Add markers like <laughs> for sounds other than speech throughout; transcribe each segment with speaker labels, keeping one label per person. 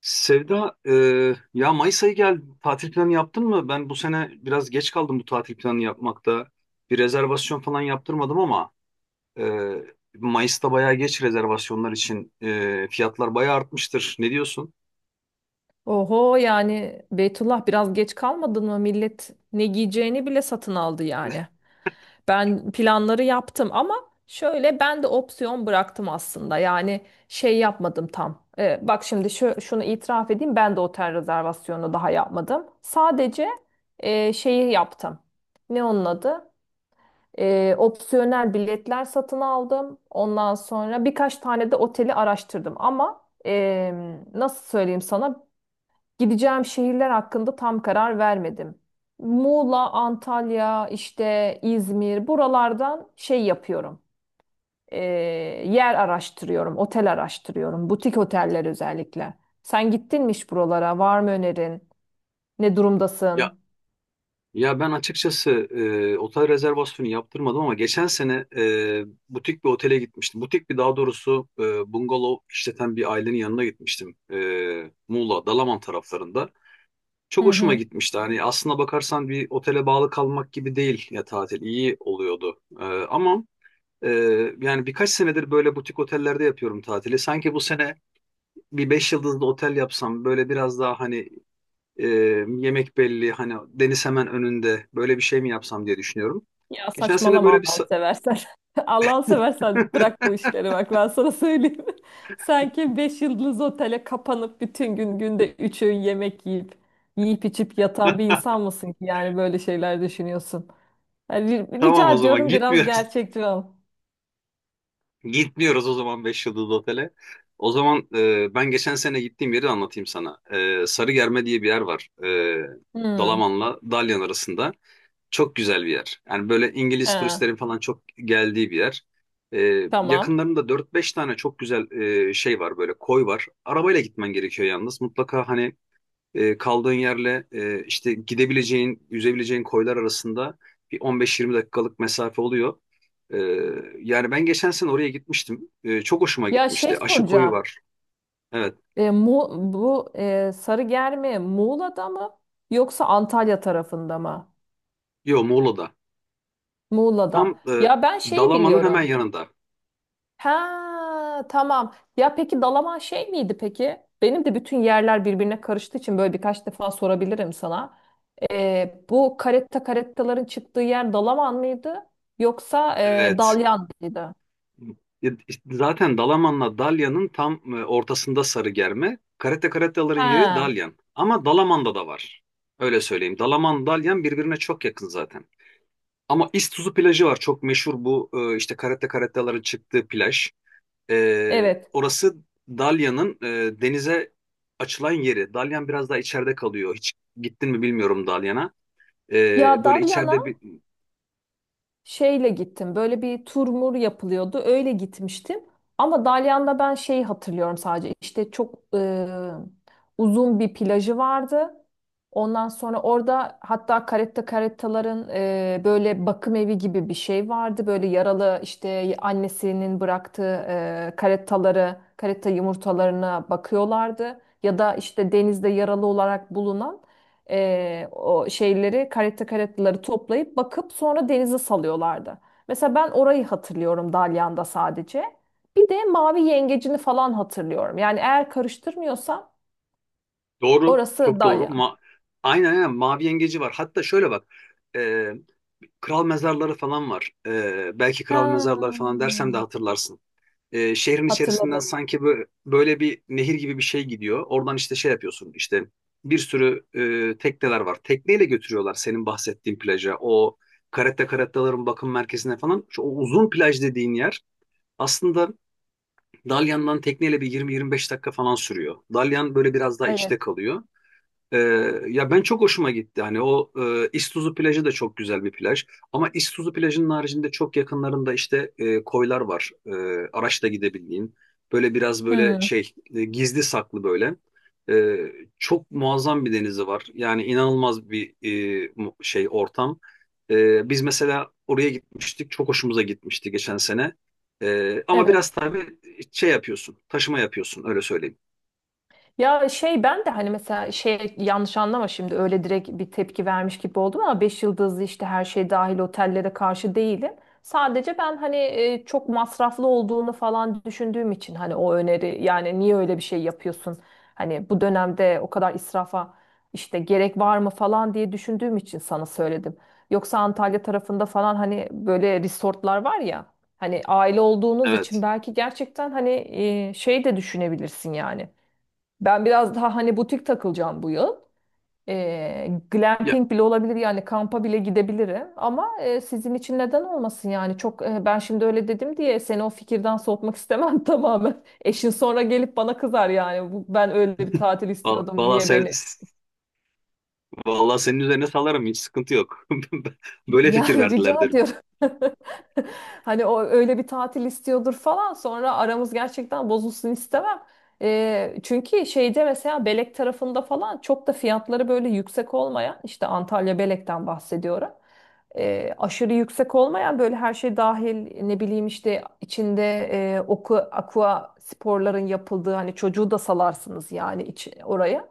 Speaker 1: Sevda, ya Mayıs ayı geldi. Tatil planı yaptın mı? Ben bu sene biraz geç kaldım bu tatil planı yapmakta. Bir rezervasyon falan yaptırmadım ama e, Mayıs'ta bayağı geç rezervasyonlar için fiyatlar bayağı artmıştır. Ne diyorsun?
Speaker 2: Oho yani Beytullah biraz geç kalmadın mı? Millet ne giyeceğini bile satın aldı yani. Ben planları yaptım ama şöyle ben de opsiyon bıraktım aslında. Yani şey yapmadım tam. Bak şimdi şunu itiraf edeyim ben de otel rezervasyonu daha yapmadım. Sadece şeyi yaptım. Ne onun adı? Opsiyonel biletler satın aldım. Ondan sonra birkaç tane de oteli araştırdım ama nasıl söyleyeyim sana? Gideceğim şehirler hakkında tam karar vermedim. Muğla, Antalya, işte İzmir buralardan şey yapıyorum. Ee, Yer araştırıyorum, otel araştırıyorum, butik oteller özellikle. Sen gittin mi hiç buralara? Var mı önerin? Ne
Speaker 1: Ya
Speaker 2: durumdasın?
Speaker 1: ya ben açıkçası otel rezervasyonu yaptırmadım ama geçen sene butik bir otele gitmiştim. Butik bir daha doğrusu bungalov işleten bir ailenin yanına gitmiştim. Muğla, Dalaman taraflarında.
Speaker 2: Hı
Speaker 1: Çok hoşuma
Speaker 2: hı.
Speaker 1: gitmişti. Hani aslına bakarsan bir otele bağlı kalmak gibi değil ya tatil. İyi oluyordu. Ama e, yani birkaç senedir böyle butik otellerde yapıyorum tatili. Sanki bu sene bir beş yıldızlı otel yapsam böyle biraz daha hani e, yemek belli hani deniz hemen önünde böyle bir şey mi yapsam diye düşünüyorum.
Speaker 2: Ya
Speaker 1: Geçen sene
Speaker 2: saçmalama
Speaker 1: böyle bir
Speaker 2: Allah'ını
Speaker 1: sa-
Speaker 2: seversen. <laughs> Allah'ını seversen bırak bu işleri bak ben sana söyleyeyim. <laughs> Sanki 5 yıldız otele kapanıp bütün gün günde 3 öğün yemek yiyip içip yatan bir
Speaker 1: <laughs>
Speaker 2: insan mısın ki yani böyle şeyler düşünüyorsun. Yani
Speaker 1: Tamam,
Speaker 2: rica
Speaker 1: o zaman
Speaker 2: ediyorum biraz
Speaker 1: gitmiyoruz.
Speaker 2: gerçekçi ol.
Speaker 1: Gitmiyoruz o zaman 5 yıldızlı otele. O zaman ben geçen sene gittiğim yeri anlatayım sana. Sarıgerme diye bir yer var.
Speaker 2: Hmm.
Speaker 1: Dalaman'la Dalyan arasında. Çok güzel bir yer. Yani böyle İngiliz
Speaker 2: He,
Speaker 1: turistlerin falan çok geldiği bir yer. E,
Speaker 2: tamam.
Speaker 1: Yakınlarında dört beş tane çok güzel şey var böyle koy var. Arabayla gitmen gerekiyor yalnız. Mutlaka hani kaldığın yerle işte gidebileceğin, yüzebileceğin koylar arasında bir 15-20 dakikalık mesafe oluyor. E, Yani ben geçen sene oraya gitmiştim. Çok hoşuma
Speaker 2: Ya şey
Speaker 1: gitmişti. Aşı koyu
Speaker 2: soracağım.
Speaker 1: var. Evet.
Speaker 2: Mu bu sarı germe Muğla'da mı yoksa Antalya tarafında mı?
Speaker 1: Yo, Muğla'da. Tam
Speaker 2: Muğla'da. Ya ben şeyi
Speaker 1: Dalaman'ın hemen
Speaker 2: biliyorum.
Speaker 1: yanında.
Speaker 2: Ha tamam. Ya peki Dalaman şey miydi peki? Benim de bütün yerler birbirine karıştığı için böyle birkaç defa sorabilirim sana. Bu karetta karettaların çıktığı yer Dalaman mıydı? Yoksa
Speaker 1: Evet.
Speaker 2: Dalyan mıydı?
Speaker 1: E, Zaten Dalaman'la Dalyan'ın tam ortasında Sarıgerme. Karate karataların yeri
Speaker 2: Ha
Speaker 1: Dalyan. Ama Dalaman'da da var. Öyle söyleyeyim. Dalaman, Dalyan birbirine çok yakın zaten. Ama İztuzu plajı var, çok meşhur, bu işte karate karatellerin çıktığı plaj.
Speaker 2: evet.
Speaker 1: Orası Dalyan'ın denize açılan yeri. Dalyan biraz daha içeride kalıyor. Hiç gittin mi bilmiyorum Dalyan'a. E,
Speaker 2: Ya
Speaker 1: böyle
Speaker 2: Dalyan'a
Speaker 1: içeride bir
Speaker 2: şeyle gittim. Böyle bir turmur yapılıyordu. Öyle gitmiştim. Ama Dalyan'da ben şeyi hatırlıyorum sadece. İşte çok uzun bir plajı vardı. Ondan sonra orada hatta karetta karettaların böyle bakım evi gibi bir şey vardı. Böyle yaralı işte annesinin bıraktığı karettaları, karetta yumurtalarına bakıyorlardı. Ya da işte denizde yaralı olarak bulunan o şeyleri caretta carettaları toplayıp bakıp sonra denize salıyorlardı. Mesela ben orayı hatırlıyorum Dalyan'da sadece. Bir de mavi yengecini falan hatırlıyorum. Yani eğer karıştırmıyorsam
Speaker 1: Doğru,
Speaker 2: orası
Speaker 1: çok doğru.
Speaker 2: Dalyan.
Speaker 1: Aynen, aynen, mavi yengeci var. Hatta şöyle bak, e, kral mezarları falan var. Belki kral
Speaker 2: Ha,
Speaker 1: mezarları falan dersem de hatırlarsın. Şehrin içerisinden
Speaker 2: hatırladım.
Speaker 1: sanki böyle, böyle bir nehir gibi bir şey gidiyor. Oradan işte şey yapıyorsun, işte bir sürü tekneler var. Tekneyle götürüyorlar senin bahsettiğin plaja. O karette karettaların bakım merkezine falan. Şu, o uzun plaj dediğin yer aslında Dalyan'dan tekneyle bir 20-25 dakika falan sürüyor. Dalyan böyle biraz daha
Speaker 2: Evet.
Speaker 1: içte kalıyor. Ee, Ya ben çok hoşuma gitti. Hani o İztuzu plajı da çok güzel bir plaj. Ama İztuzu plajının haricinde çok yakınlarında işte koylar var. Araçla gidebildiğin. Böyle biraz böyle
Speaker 2: Hmm.
Speaker 1: şey, gizli saklı böyle. E, Çok muazzam bir denizi var. Yani inanılmaz bir şey ortam. Biz mesela oraya gitmiştik. Çok hoşumuza gitmişti geçen sene. Ama biraz
Speaker 2: Evet.
Speaker 1: tabii şey yapıyorsun. Taşıma yapıyorsun, öyle söyleyeyim.
Speaker 2: Ya şey ben de hani mesela şey yanlış anlama şimdi öyle direkt bir tepki vermiş gibi oldum ama 5 yıldızlı işte her şey dahil otellere karşı değilim. Sadece ben hani çok masraflı olduğunu falan düşündüğüm için hani o öneri yani niye öyle bir şey yapıyorsun? Hani bu dönemde o kadar israfa işte gerek var mı falan diye düşündüğüm için sana söyledim. Yoksa Antalya tarafında falan hani böyle resortlar var ya hani aile olduğunuz için
Speaker 1: Evet.
Speaker 2: belki gerçekten hani şey de düşünebilirsin yani. Ben biraz daha hani butik takılacağım bu yıl.
Speaker 1: Ya,
Speaker 2: Glamping bile olabilir yani kampa bile gidebilirim. Ama sizin için neden olmasın yani çok ben şimdi öyle dedim diye seni o fikirden soğutmak istemem <laughs> tamamen. Eşin sonra gelip bana kızar yani ben öyle bir tatil
Speaker 1: valla,
Speaker 2: istiyordum
Speaker 1: valla
Speaker 2: niye
Speaker 1: sevdim.
Speaker 2: beni.
Speaker 1: Vallahi senin üzerine salarım, hiç sıkıntı yok. <laughs> Böyle fikir
Speaker 2: Yani <laughs>
Speaker 1: verdiler
Speaker 2: rica
Speaker 1: derim.
Speaker 2: ediyorum. <laughs> Hani o öyle bir tatil istiyordur falan. Sonra aramız gerçekten bozulsun istemem. Çünkü şeyde mesela Belek tarafında falan çok da fiyatları böyle yüksek olmayan işte Antalya Belek'ten bahsediyorum. Aşırı yüksek olmayan böyle her şey dahil ne bileyim işte içinde aqua sporların yapıldığı hani çocuğu da salarsınız yani oraya.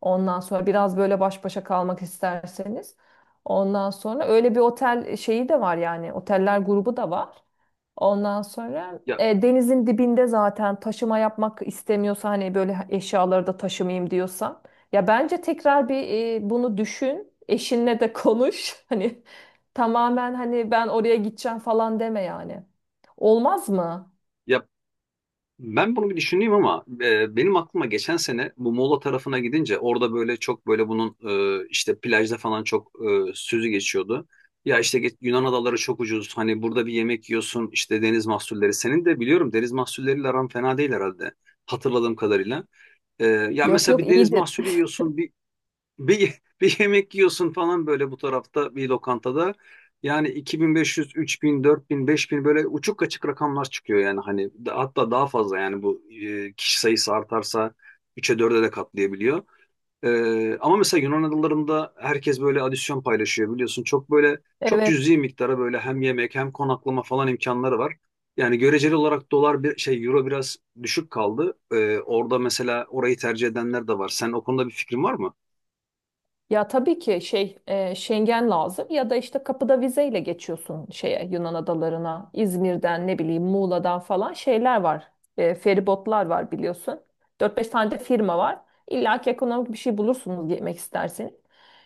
Speaker 2: Ondan sonra biraz böyle baş başa kalmak isterseniz. Ondan sonra öyle bir otel şeyi de var yani oteller grubu da var. Ondan sonra
Speaker 1: Ya,
Speaker 2: denizin dibinde zaten taşıma yapmak istemiyorsa hani böyle eşyaları da taşımayayım diyorsan. Ya bence tekrar bir bunu düşün. Eşinle de konuş. <laughs> Hani tamamen hani ben oraya gideceğim falan deme yani. Olmaz mı?
Speaker 1: ya, ben bunu bir düşüneyim ama benim aklıma geçen sene bu Muğla tarafına gidince orada böyle çok böyle bunun işte plajda falan çok sözü geçiyordu. Ya işte Yunan adaları çok ucuz. Hani burada bir yemek yiyorsun, işte deniz mahsulleri. Senin de biliyorum deniz mahsulleriyle aran fena değil herhalde. Hatırladığım kadarıyla. E, Ya
Speaker 2: Yok
Speaker 1: mesela
Speaker 2: yok
Speaker 1: bir deniz
Speaker 2: iyidir.
Speaker 1: mahsulü yiyorsun, <laughs> bir yemek yiyorsun falan böyle bu tarafta bir lokantada. Yani 2500, 3000, 4000, 5000, böyle uçuk kaçık rakamlar çıkıyor yani, hani hatta daha fazla yani, bu kişi sayısı artarsa üçe 4'e de katlayabiliyor. Ama mesela Yunan adalarında herkes böyle adisyon paylaşıyor biliyorsun. Çok böyle,
Speaker 2: <laughs>
Speaker 1: çok
Speaker 2: Evet.
Speaker 1: cüzi miktara, böyle hem yemek hem konaklama falan imkanları var. Yani göreceli olarak dolar bir şey, euro biraz düşük kaldı. Orada mesela orayı tercih edenler de var. Sen o konuda bir fikrin var mı?
Speaker 2: Ya tabii ki şey Schengen lazım ya da işte kapıda vizeyle geçiyorsun şeye Yunan adalarına İzmir'den ne bileyim Muğla'dan falan şeyler var. E, feribotlar var biliyorsun, dört beş tane de firma var. İlla ki ekonomik bir şey bulursunuz, yemek isterseniz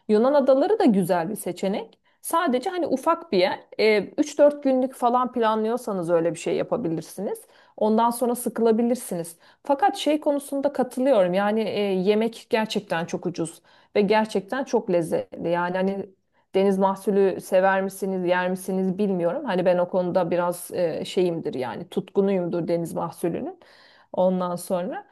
Speaker 2: Yunan adaları da güzel bir seçenek, sadece hani ufak bir yer. E, üç dört günlük falan planlıyorsanız öyle bir şey yapabilirsiniz, ondan sonra sıkılabilirsiniz. Fakat şey konusunda katılıyorum yani yemek gerçekten çok ucuz ve gerçekten çok lezzetli. Yani hani deniz mahsulü sever misiniz, yer misiniz bilmiyorum. Hani ben o konuda biraz şeyimdir yani tutkunuyumdur deniz mahsulünün. Ondan sonra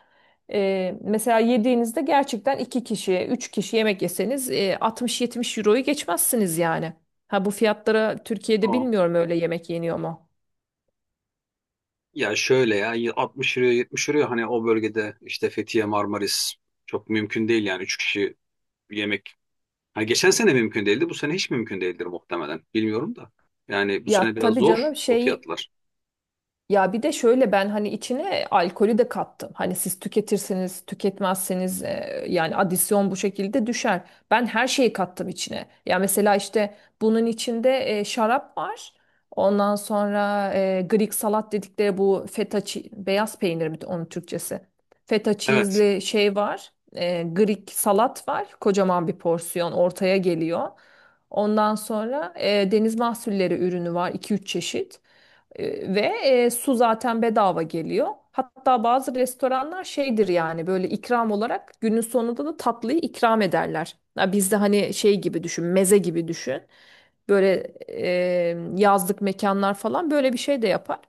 Speaker 2: mesela yediğinizde gerçekten iki kişi, üç kişi yemek yeseniz 60-70 euroyu geçmezsiniz yani. Ha bu fiyatlara Türkiye'de
Speaker 1: Aa.
Speaker 2: bilmiyorum öyle yemek yeniyor mu?
Speaker 1: Ya şöyle, ya 60 euro, 70 euro, hani o bölgede işte Fethiye, Marmaris, çok mümkün değil yani 3 kişi yemek. Hani geçen sene mümkün değildi, bu sene hiç mümkün değildir muhtemelen, bilmiyorum da. Yani bu
Speaker 2: Ya
Speaker 1: sene biraz
Speaker 2: tabii
Speaker 1: zor
Speaker 2: canım
Speaker 1: o
Speaker 2: şey.
Speaker 1: fiyatlar.
Speaker 2: Ya bir de şöyle ben hani içine alkolü de kattım. Hani siz tüketirseniz, tüketmezseniz yani adisyon bu şekilde düşer. Ben her şeyi kattım içine. Ya mesela işte bunun içinde şarap var. Ondan sonra Greek salat dedikleri bu beyaz peynir mi onun Türkçesi? Feta
Speaker 1: Evet.
Speaker 2: cheese'li şey var. E, Greek salat var. Kocaman bir porsiyon ortaya geliyor. Ondan sonra deniz mahsulleri ürünü var, iki üç çeşit. Ve su zaten bedava geliyor. Hatta bazı restoranlar şeydir yani böyle ikram olarak günün sonunda da tatlıyı ikram ederler. Ya bizde hani şey gibi düşün, meze gibi düşün. Böyle yazlık mekanlar falan böyle bir şey de yapar.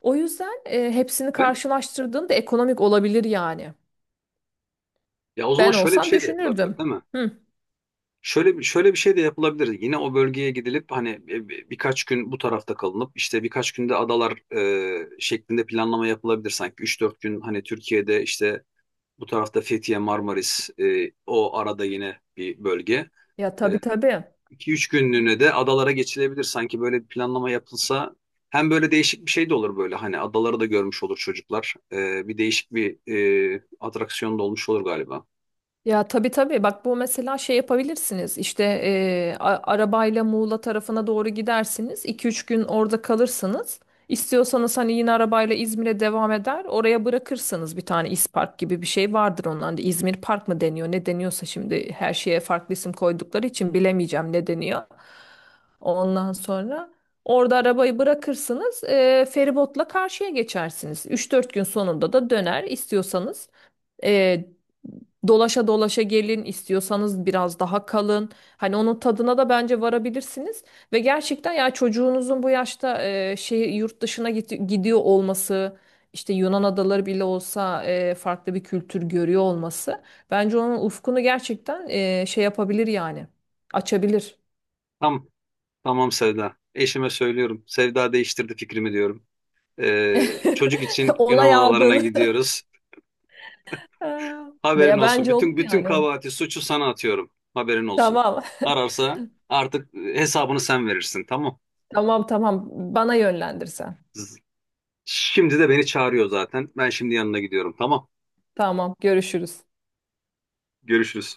Speaker 2: O yüzden hepsini
Speaker 1: ben
Speaker 2: karşılaştırdığında ekonomik olabilir yani.
Speaker 1: Ya o zaman
Speaker 2: Ben
Speaker 1: şöyle bir
Speaker 2: olsam
Speaker 1: şey de yapılabilir
Speaker 2: düşünürdüm.
Speaker 1: değil mi?
Speaker 2: Hı.
Speaker 1: Şöyle bir şey de yapılabilir. Yine o bölgeye gidilip hani birkaç gün bu tarafta kalınıp, işte birkaç günde adalar şeklinde planlama yapılabilir sanki. Üç dört gün hani Türkiye'de, işte bu tarafta Fethiye, Marmaris, o arada yine bir bölge.
Speaker 2: Ya tabii tabii.
Speaker 1: 2 üç günlüğüne de adalara geçilebilir. Sanki böyle bir planlama yapılsa hem böyle değişik bir şey de olur, böyle hani adaları da görmüş olur çocuklar. Bir değişik bir atraksiyon da olmuş olur galiba.
Speaker 2: Ya tabii tabii bak bu mesela şey yapabilirsiniz işte arabayla Muğla tarafına doğru gidersiniz, iki üç gün orada kalırsınız. İstiyorsanız hani yine arabayla İzmir'e devam eder oraya bırakırsınız, bir tane İspark gibi bir şey vardır, ondan da İzmir Park mı deniyor ne deniyorsa şimdi her şeye farklı isim koydukları için bilemeyeceğim ne deniyor. Ondan sonra orada arabayı bırakırsınız, feribotla karşıya geçersiniz. Üç dört gün sonunda da döner istiyorsanız e, dolaşa dolaşa gelin, istiyorsanız biraz daha kalın. Hani onun tadına da bence varabilirsiniz. Ve gerçekten ya çocuğunuzun bu yaşta şey yurt dışına gidiyor olması işte Yunan adaları bile olsa farklı bir kültür görüyor olması bence onun ufkunu gerçekten şey yapabilir yani açabilir.
Speaker 1: Tamam, tamam Sevda. Eşime söylüyorum. Sevda değiştirdi fikrimi diyorum. Çocuk
Speaker 2: <laughs>
Speaker 1: için Yunan
Speaker 2: Onay
Speaker 1: adalarına
Speaker 2: aldığını. <laughs>
Speaker 1: gidiyoruz. Haberin
Speaker 2: Veya
Speaker 1: olsun.
Speaker 2: bence olur
Speaker 1: Bütün bütün
Speaker 2: yani.
Speaker 1: kabahati, suçu sana atıyorum. Haberin olsun.
Speaker 2: Tamam. <laughs>
Speaker 1: Ararsa artık hesabını sen verirsin. Tamam.
Speaker 2: Tamam tamam. Bana yönlendirsen.
Speaker 1: Şimdi de beni çağırıyor zaten. Ben şimdi yanına gidiyorum. Tamam.
Speaker 2: Tamam görüşürüz.
Speaker 1: Görüşürüz.